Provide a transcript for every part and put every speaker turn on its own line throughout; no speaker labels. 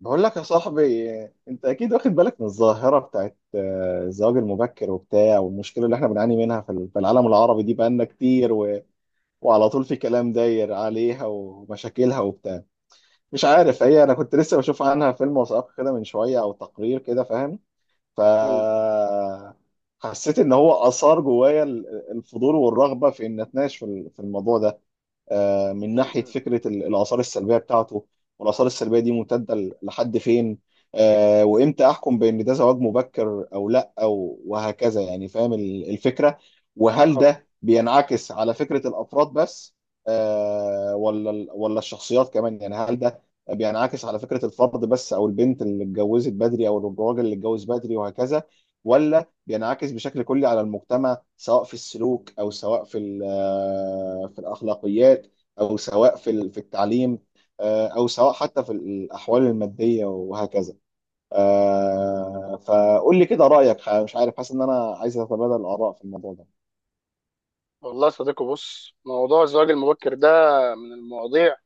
بقول لك يا صاحبي. انت اكيد واخد بالك من الظاهره بتاعت الزواج المبكر وبتاع، والمشكله اللي احنا بنعاني منها في العالم العربي دي بقالنا كتير وعلى طول في كلام داير عليها ومشاكلها وبتاع. مش عارف هي، انا كنت لسه بشوف عنها فيلم وثائقي كده من شويه او تقرير كده، فاهم؟ ف
مم.
حسيت ان هو اثار جوايا الفضول والرغبه في ان اتناقش في الموضوع ده، من ناحية
مم.
فكرة الآثار السلبية بتاعته، والآثار السلبية دي ممتدة لحد فين. وإمتى أحكم بأن ده زواج مبكر أو لأ أو وهكذا، يعني فاهم الفكرة؟ وهل
اه،
ده بينعكس على فكرة الأفراد بس، ولا الشخصيات كمان؟ يعني هل ده بينعكس على فكرة الفرد بس، أو البنت اللي اتجوزت بدري أو الراجل اللي اتجوز بدري وهكذا، ولا بينعكس بشكل كلي على المجتمع سواء في السلوك، او سواء في الاخلاقيات، او سواء في التعليم، او سواء حتى في الاحوال الماديه وهكذا. فقول لي كده رايك. مش عارف، حاسس ان انا عايز اتبادل الاراء في الموضوع ده.
والله يا صديقي، بص، موضوع الزواج المبكر ده من المواضيع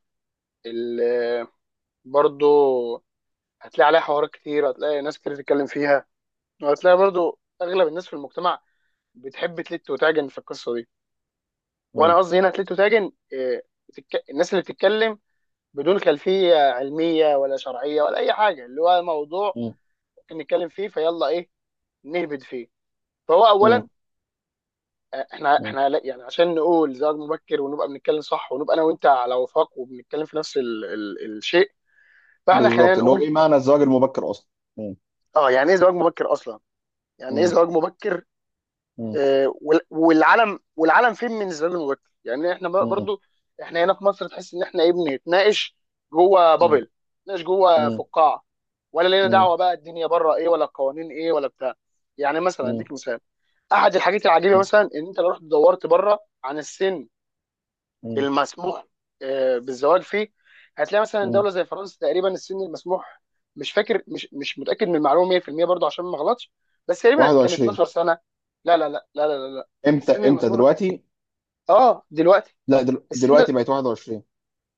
اللي برضو هتلاقي عليها حوارات كتير، هتلاقي ناس كتير تتكلم فيها، وهتلاقي برضو اغلب الناس في المجتمع بتحب تلت وتعجن في القصه دي.
م-
وانا قصدي هنا تلت وتعجن إيه؟ الناس اللي بتتكلم بدون خلفيه علميه ولا شرعيه ولا اي حاجه، اللي هو موضوع
م-
ممكن نتكلم فيه فيلا ايه، نهبد فيه. فهو
م-
اولا احنا
م.
احنا لا- يعني عشان نقول زواج مبكر ونبقى بنتكلم صح ونبقى انا وانت على وفاق وبنتكلم في نفس ال ال الشيء. فاحنا خلينا
بالظبط، اللي هو
نقول:
ايه معنى الزواج المبكر اصلا؟ م-
اه، يعني ايه زواج مبكر اصلا؟ يعني ايه
م-
زواج مبكر؟
م-
آه والعالم فين من الزواج المبكر؟ يعني احنا
م-
برضو، احنا هنا في مصر تحس ان احنا ايه، بنتناقش جوه
م-
بابل، بنتناقش جوه
م-
فقاعه؟ ولا لينا
م-
دعوه بقى الدنيا بره ايه، ولا القوانين ايه، ولا بتاع. يعني مثلا
م-
اديك مثال: احد الحاجات العجيبه
م-
مثلا ان انت لو رحت دورت بره عن السن
م-
المسموح بالزواج فيه، هتلاقي مثلا دوله زي فرنسا تقريبا السن المسموح، مش فاكر، مش متاكد من المعلومه 100% برضو عشان ما اغلطش، بس تقريبا كان
21.
12 سنه. لا لا لا لا لا لا, لا.
امتى؟
السن المسموح،
دلوقتي؟
اه دلوقتي
لا،
السن.
دلوقتي بقت 21،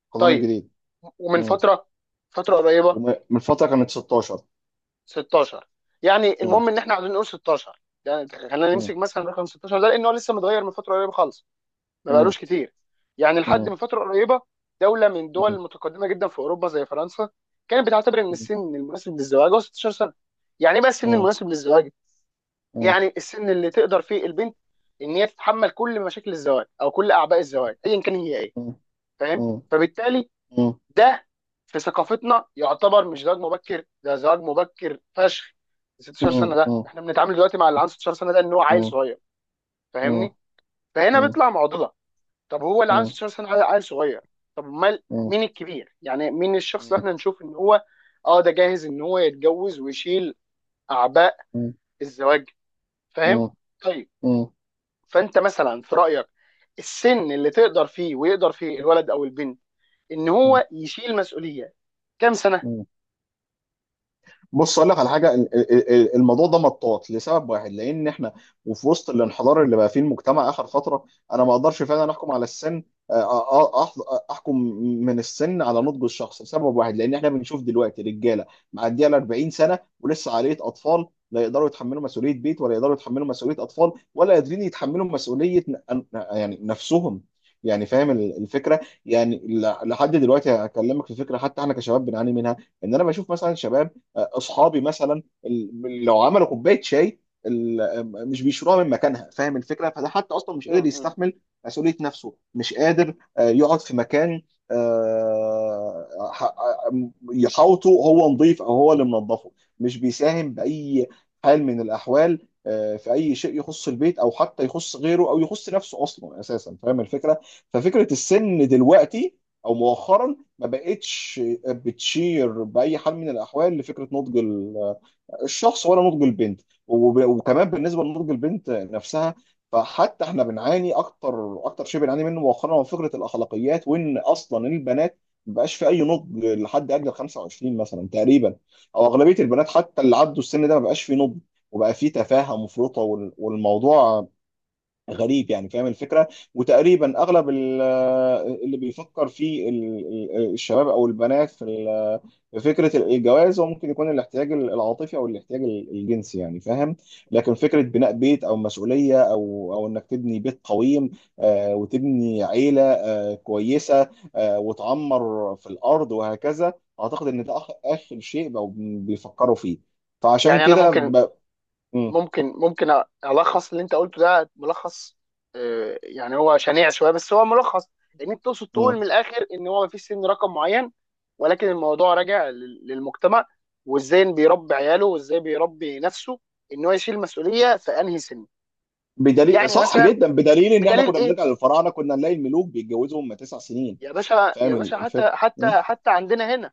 القانون
طيب،
الجديد.
ومن
مم.
فتره، قريبه.
من فترة كانت 16.
16. يعني
مم.
المهم ان احنا عايزين نقول 16، يعني خلينا
مم.
نمسك مثلا رقم 16 ده، لان هو لسه متغير من فتره قريبه خالص، ما
مم.
بقالوش كتير. يعني لحد
مم.
من فتره قريبه، دوله من الدول
مم.
المتقدمه جدا في اوروبا زي فرنسا كانت بتعتبر ان السن المناسب للزواج هو 16 سنه. يعني ايه بقى السن
مم.
المناسب للزواج؟
مم.
يعني السن اللي تقدر فيه البنت ان هي تتحمل كل مشاكل الزواج او كل اعباء الزواج ايا كان هي ايه،
مم.
فاهم؟
مم.
فبالتالي
مم.
ده في ثقافتنا يعتبر مش زواج مبكر، ده زواج مبكر فشخ! 16 سنه
مم.
ده؟
مم.
احنا بنتعامل دلوقتي مع اللي عنده 16 سنه ده ان هو عيل
مم.
صغير،
مم.
فاهمني؟ فهنا
مم.
بيطلع معضله. طب هو اللي عنده
مم.
16 سنه عيل صغير؟ طب امال
مم.
مين الكبير؟ يعني مين الشخص اللي احنا نشوف ان هو اه ده جاهز ان هو يتجوز ويشيل اعباء
مم.
الزواج، فاهم؟
مم.
طيب،
مم.
فانت مثلا في رايك السن اللي تقدر فيه ويقدر فيه الولد او البنت ان هو يشيل مسؤوليه كام سنه؟
مم. بص اقول لك على حاجه، الموضوع ده مطاط لسبب واحد، لان احنا وفي وسط الانحدار اللي بقى فيه المجتمع اخر فتره، انا ما اقدرش فعلا احكم على السن. آه، احكم من السن على نضج الشخص لسبب واحد، لان احنا بنشوف دلوقتي رجاله معديه ال 40 سنه ولسه عاليه اطفال، لا يقدروا يتحملوا مسؤوليه بيت، ولا يقدروا يتحملوا مسؤوليه اطفال، ولا قادرين يتحملوا مسؤوليه يعني نفسهم. يعني فاهم الفكره؟ يعني لحد دلوقتي هكلمك في فكره حتى احنا كشباب بنعاني منها. ان انا بشوف مثلا شباب اصحابي مثلا، لو عملوا كوبايه شاي، مش بيشروها من مكانها، فاهم الفكره؟ فده حتى اصلا مش
م-
قادر
م-
يستحمل مسؤوليه نفسه، مش قادر يقعد في مكان يحاوطه هو نظيف او هو اللي منظفه. مش بيساهم باي حال من الاحوال في اي شيء يخص البيت، او حتى يخص غيره، او يخص نفسه اصلا اساسا، فاهم الفكره؟ ففكره السن دلوقتي او مؤخرا ما بقتش بتشير باي حال من الاحوال لفكره نضج الشخص ولا نضج البنت. وكمان بالنسبه لنضج البنت نفسها، فحتى احنا بنعاني. اكتر شيء بنعاني منه مؤخرا هو فكره الاخلاقيات، وان اصلا البنات ما بقاش في اي نضج لحد اجل 25 مثلا تقريبا، او اغلبيه البنات حتى اللي عدوا السن ده ما بقاش في نضج، وبقى في تفاهه مفرطه. والموضوع غريب، يعني فاهم الفكره؟ وتقريبا اغلب اللي بيفكر الشباب او البنات في فكره الجواز، هو ممكن يكون الاحتياج العاطفي او الاحتياج الجنسي يعني، فاهم؟
م.
لكن فكره بناء بيت او مسؤوليه او انك تبني بيت قويم، وتبني عيله كويسه، وتعمر في الارض وهكذا، اعتقد ان ده اخر شيء بقوا بيفكروا فيه. فعشان
يعني انا
كده
ممكن
م-
ألخص اللي أنت قلته ده ملخص، يعني هو شنيع شوية بس هو ملخص. إن أنت تقصد
م.
تقول من الآخر إن هو مفيش سن رقم معين، ولكن الموضوع راجع للمجتمع، وإزاي بيربي عياله وإزاي بيربي نفسه، إن هو يشيل مسؤولية في أنهي سن.
بدليل،
يعني
صح
مثلا،
جدا، بدليل ان احنا
بدليل
كنا
إيه؟
بنرجع للفراعنه كنا نلاقي الملوك بيتجوزوا هم 9 سنين.
يا باشا يا
فاهم
باشا، حتى
الفكره؟ م؟
حتى حتى عندنا هنا،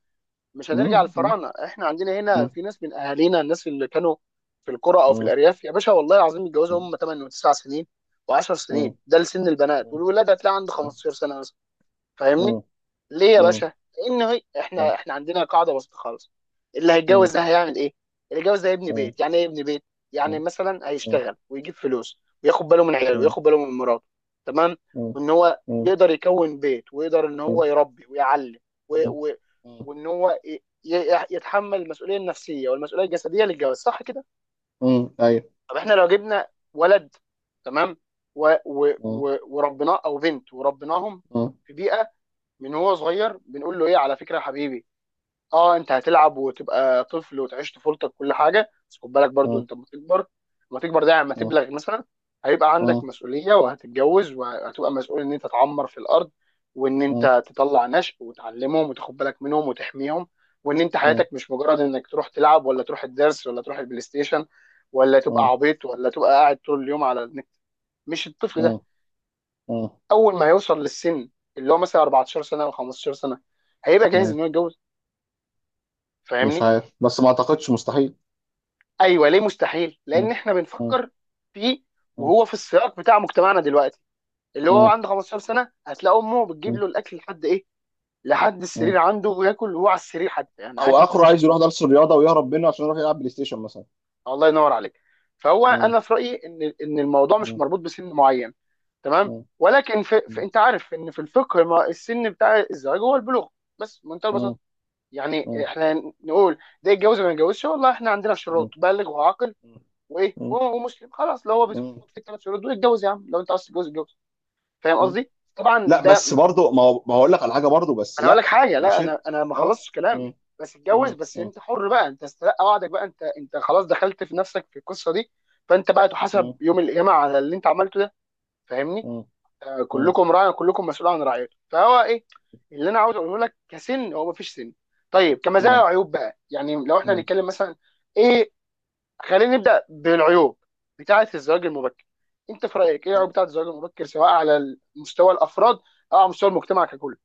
مش هنرجع
م- م-
للفراعنه، احنا عندنا هنا
م-
في ناس من اهالينا، الناس اللي كانوا في القرى او في
م-
الارياف، يا باشا والله العظيم يتجوزوا هم 8 و9 سنين و10
م-
سنين،
م-
ده لسن البنات،
م-
والولاد هتلاقي عنده
م-
15 سنه مثلا، فاهمني؟
م-
ليه يا
م-
باشا؟ لأن هي احنا عندنا قاعدة بسيطة خالص: اللي
م-
هيتجوز
م-
ده هيعمل ايه؟ اللي هيتجوز ده يبني
م-
بيت. يعني ايه يبني بيت؟ يعني مثلا هيشتغل ويجيب فلوس، وياخد باله من عياله وياخد باله من مراته، تمام؟ وان هو
م-
يقدر يكون بيت، ويقدر ان هو
م-
يربي ويعلم و... و...
م-
وان هو ي... ي- يتحمل المسؤولية النفسية والمسؤولية الجسدية للجواز، صح كده؟
م- ايوه.
طب احنا لو جبنا ولد، تمام؟
م-
وربناه، او بنت وربناهم
م-
في بيئة، من هو صغير بنقول له ايه؟ على فكره يا حبيبي، اه انت هتلعب وتبقى طفل وتعيش طفولتك كل حاجه، بس خد بالك
م-
برضو
م-
انت لما تكبر. لما تكبر ده، يعني لما
م-
تبلغ مثلا، هيبقى عندك
م-
مسؤوليه، وهتتجوز وهتبقى مسؤول ان انت تعمر في الارض، وان
م-
انت تطلع نشء وتعلمهم وتاخد بالك منهم وتحميهم، وان انت
م-
حياتك مش مجرد انك تروح تلعب، ولا تروح الدرس، ولا تروح البلاي ستيشن، ولا تبقى عبيط، ولا تبقى قاعد طول اليوم على النت. مش الطفل ده
م- م-
اول ما هيوصل للسن اللي هو مثلا 14 سنه او 15 سنه هيبقى جاهز
م-
ان هو يتجوز،
مش
فاهمني؟
عارف، بس ما اعتقدش، مستحيل.
ايوه، ليه مستحيل؟
م-
لان احنا
م-
بنفكر فيه
م-
وهو في السياق بتاع مجتمعنا دلوقتي. اللي هو
م-
عنده 15 سنه هتلاقي امه بتجيب له الاكل لحد ايه؟ لحد السرير
م-
عنده، وياكل وهو على السرير حتى، يعني
او
عارف انت،
اخره
مش
عايز يروح درس الرياضه ويهرب منه عشان يروح يلعب بلاي ستيشن مثلا.
الله ينور عليك! فهو
مم.
انا في رايي ان الموضوع مش
مم.
مربوط بسن معين، تمام؟
مم.
ولكن
مم.
انت عارف ان في الفقه، ما السن بتاع الزواج هو البلوغ، بس منتهى البساطه. يعني
مم.
احنا نقول ده يتجوز ولا ما يتجوزش؟ والله احنا عندنا
مم.
شروط: بالغ وعاقل وايه
مم.
ومسلم، خلاص. لو هو بيتفق
مم.
في الثلاث شروط دول يتجوز، يا عم لو انت عايز تتجوز اتجوز، فاهم
مم.
قصدي؟ طبعا
لا،
ده،
بس برضه، ما هو، ما هقول لك على حاجه برضه، بس
انا هقول لك
لا.
حاجه، لا
وشر.
انا ما
اه.
خلصتش كلامي.
مم.
بس اتجوز،
مم.
بس
مم.
انت حر بقى، انت استلقى وعدك بقى، انت خلاص دخلت في نفسك في القصه دي، فانت بقى تحاسب
مم.
يوم القيامه على اللي انت عملته ده، فاهمني؟
مم.
كلكم راع كلكم مسؤول عن رعيته، فهو ايه اللي انا عاوز اقوله لك؟ كسن، هو مفيش سن. طيب، كمزايا
مم.
وعيوب بقى، يعني لو احنا
مم.
هنتكلم مثلا ايه، خلينا نبدا بالعيوب بتاعه الزواج المبكر. انت في رايك ايه العيوب بتاعه الزواج المبكر، سواء على مستوى الافراد او على مستوى المجتمع ككل؟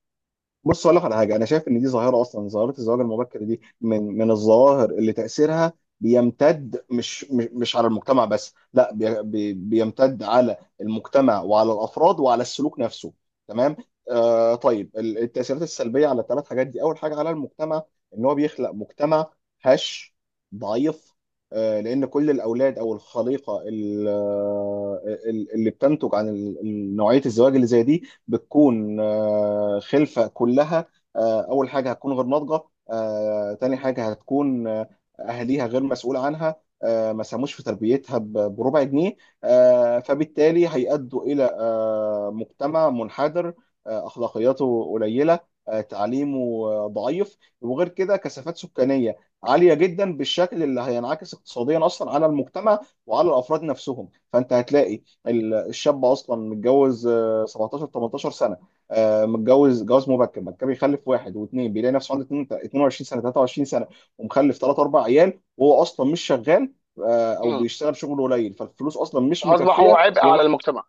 بص اقول لك على حاجه، انا شايف ان دي ظاهره. اصلا ظاهره الزواج المبكر دي من الظواهر اللي تاثيرها بيمتد مش على المجتمع بس، لا، بي بي بيمتد على المجتمع وعلى الافراد وعلى السلوك نفسه، تمام. آه، طيب التاثيرات السلبيه على الثلاث حاجات دي، اول حاجه على المجتمع، ان هو بيخلق مجتمع هش، ضعيف. آه، لان كل الاولاد او الخليقه اللي بتنتج عن نوعيه الزواج اللي زي دي بتكون خلفة كلها. أول حاجة هتكون غير ناضجة. تاني حاجة هتكون، أهليها غير مسؤول عنها، ما ساهموش في تربيتها بربع جنيه. فبالتالي هيأدوا إلى مجتمع منحدر، أخلاقياته قليلة، تعليمه ضعيف، وغير كده كثافات سكانية عالية جدا بالشكل اللي هينعكس اقتصاديا أصلا على المجتمع وعلى الأفراد نفسهم. فأنت هتلاقي الشاب اصلا متجوز 17 18 سنه، متجوز جواز مبكر، بعد كده بيخلف واحد واثنين، بيلاقي نفسه عنده 22 سنه 23 سنه ومخلف ثلاث اربع عيال وهو اصلا مش شغال، او
امم.
بيشتغل شغل قليل، فالفلوس اصلا مش
فاصبح هو
مكفيه
عبء على المجتمع.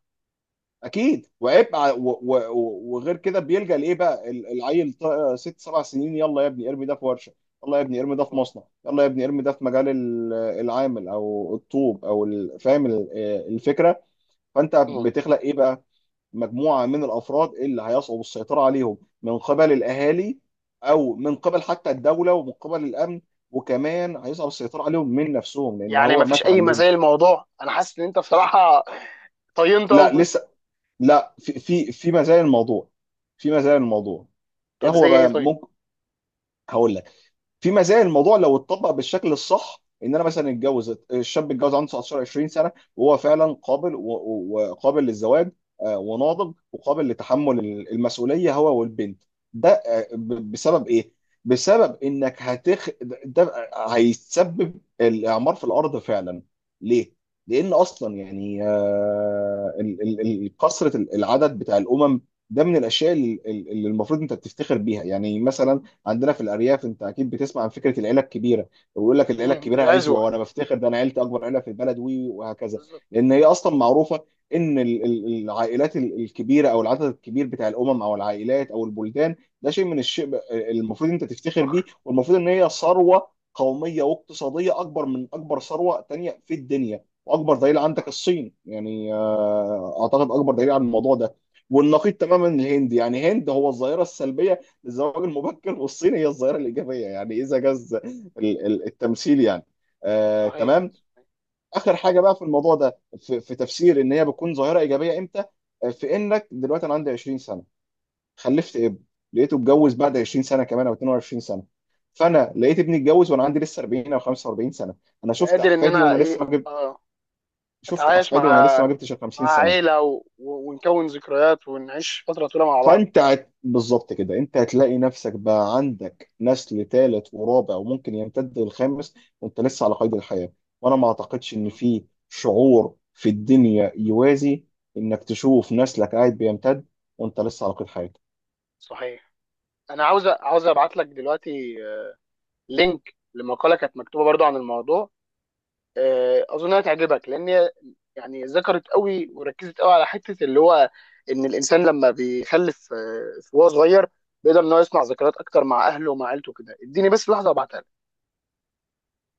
اكيد، وعيب. وغير كده بيلجأ لايه بقى، العيل ست سبع سنين يلا يا ابني ارمي ده في ورشه، يلا يا ابني ارمي ده في
مم.
مصنع، يلا يا ابني ارمي ده في مجال العامل او الطوب فاهم الفكره؟ فانت
مم.
بتخلق ايه بقى؟ مجموعة من الأفراد اللي هيصعب السيطرة عليهم من قبل الأهالي أو من قبل حتى الدولة ومن قبل الأمن، وكمان هيصعب السيطرة عليهم من نفسهم لأن
يعني
هو ما
مفيش اي مزايا؟
اتعلمش.
الموضوع، انا حاسس ان انت
لا.
بصراحه طينت قوي
لا
في وشي.
لسه، لا، في مزايا الموضوع. في مزايا الموضوع. إيه
طب
هو
زي ايه
بقى؟
طيب؟
ممكن. هقول لك، في مزايا الموضوع لو اتطبق بالشكل الصح، ان انا مثلا اتجوز، الشاب اتجوز عنده 19 20 سنه وهو فعلا قابل وقابل للزواج، وناضج وقابل لتحمل المسؤوليه هو والبنت. ده بسبب ايه؟ بسبب انك هتخ، ده هيسبب الاعمار في الارض فعلا. ليه؟ لان اصلا يعني كثره العدد بتاع الامم، ده من الاشياء اللي المفروض انت بتفتخر بيها. يعني مثلا عندنا في الارياف انت اكيد بتسمع عن فكره العيله الكبيره، ويقول لك العيله
امم،
الكبيره عزوه،
العزوه
وانا بفتخر، ده انا عيلتي اكبر عيله في البلد، وهكذا.
بالظبط.
لان هي اصلا معروفه ان العائلات الكبيره او العدد الكبير بتاع الامم او العائلات او البلدان، ده شيء من الشيء المفروض انت تفتخر بيه،
فخر.
والمفروض ان هي ثروه قوميه واقتصاديه اكبر من اكبر ثروه تانيه في الدنيا. واكبر دليل عندك
صح.
الصين، يعني اعتقد اكبر دليل على الموضوع ده، والنقيض تماما الهند. يعني هند هو الظاهره السلبيه الزواج المبكر، والصين هي الظاهرة الإيجابية، يعني إذا جاز ال- التمثيل يعني،
صحيح.
تمام. آخر حاجة بقى في الموضوع ده، في تفسير إن هي بتكون ظاهرة إيجابية إمتى، في إنك دلوقتي أنا عندي 20 سنة، خلفت ابن، لقيته اتجوز بعد 20 سنة كمان أو 22 سنة، فأنا لقيت ابني اتجوز وأنا عندي لسه 40 أو 45 سنة، أنا شفت
قادر ان
أحفادي
انا
وأنا
ايه،
لسه ما جبت،
اه
شفت
اتعايش
أحفادي وأنا
مع،
لسه ما جبتش ال
مع
50 سنة.
عيله، ونكون ذكريات ونعيش فتره طويله مع بعض.
فانت بالظبط كده، انت هتلاقي نفسك بقى عندك نسل ثالث ورابع وممكن يمتد للخامس وانت لسه على قيد الحياة. وانا ما اعتقدش ان
مم.
في شعور في الدنيا يوازي انك تشوف نسلك قاعد بيمتد وانت لسه على قيد حياة.
صحيح. انا عاوز ابعت لك دلوقتي، لينك لمقاله كانت مكتوبه برضو عن الموضوع، اظن هتعجبك، لان هي يعني ذكرت قوي وركزت قوي على حته اللي هو ان الانسان لما بيخلف وهو صغير بيقدر ان هو يصنع ذكريات اكتر مع اهله ومع عيلته. كده اديني بس لحظه ابعتها.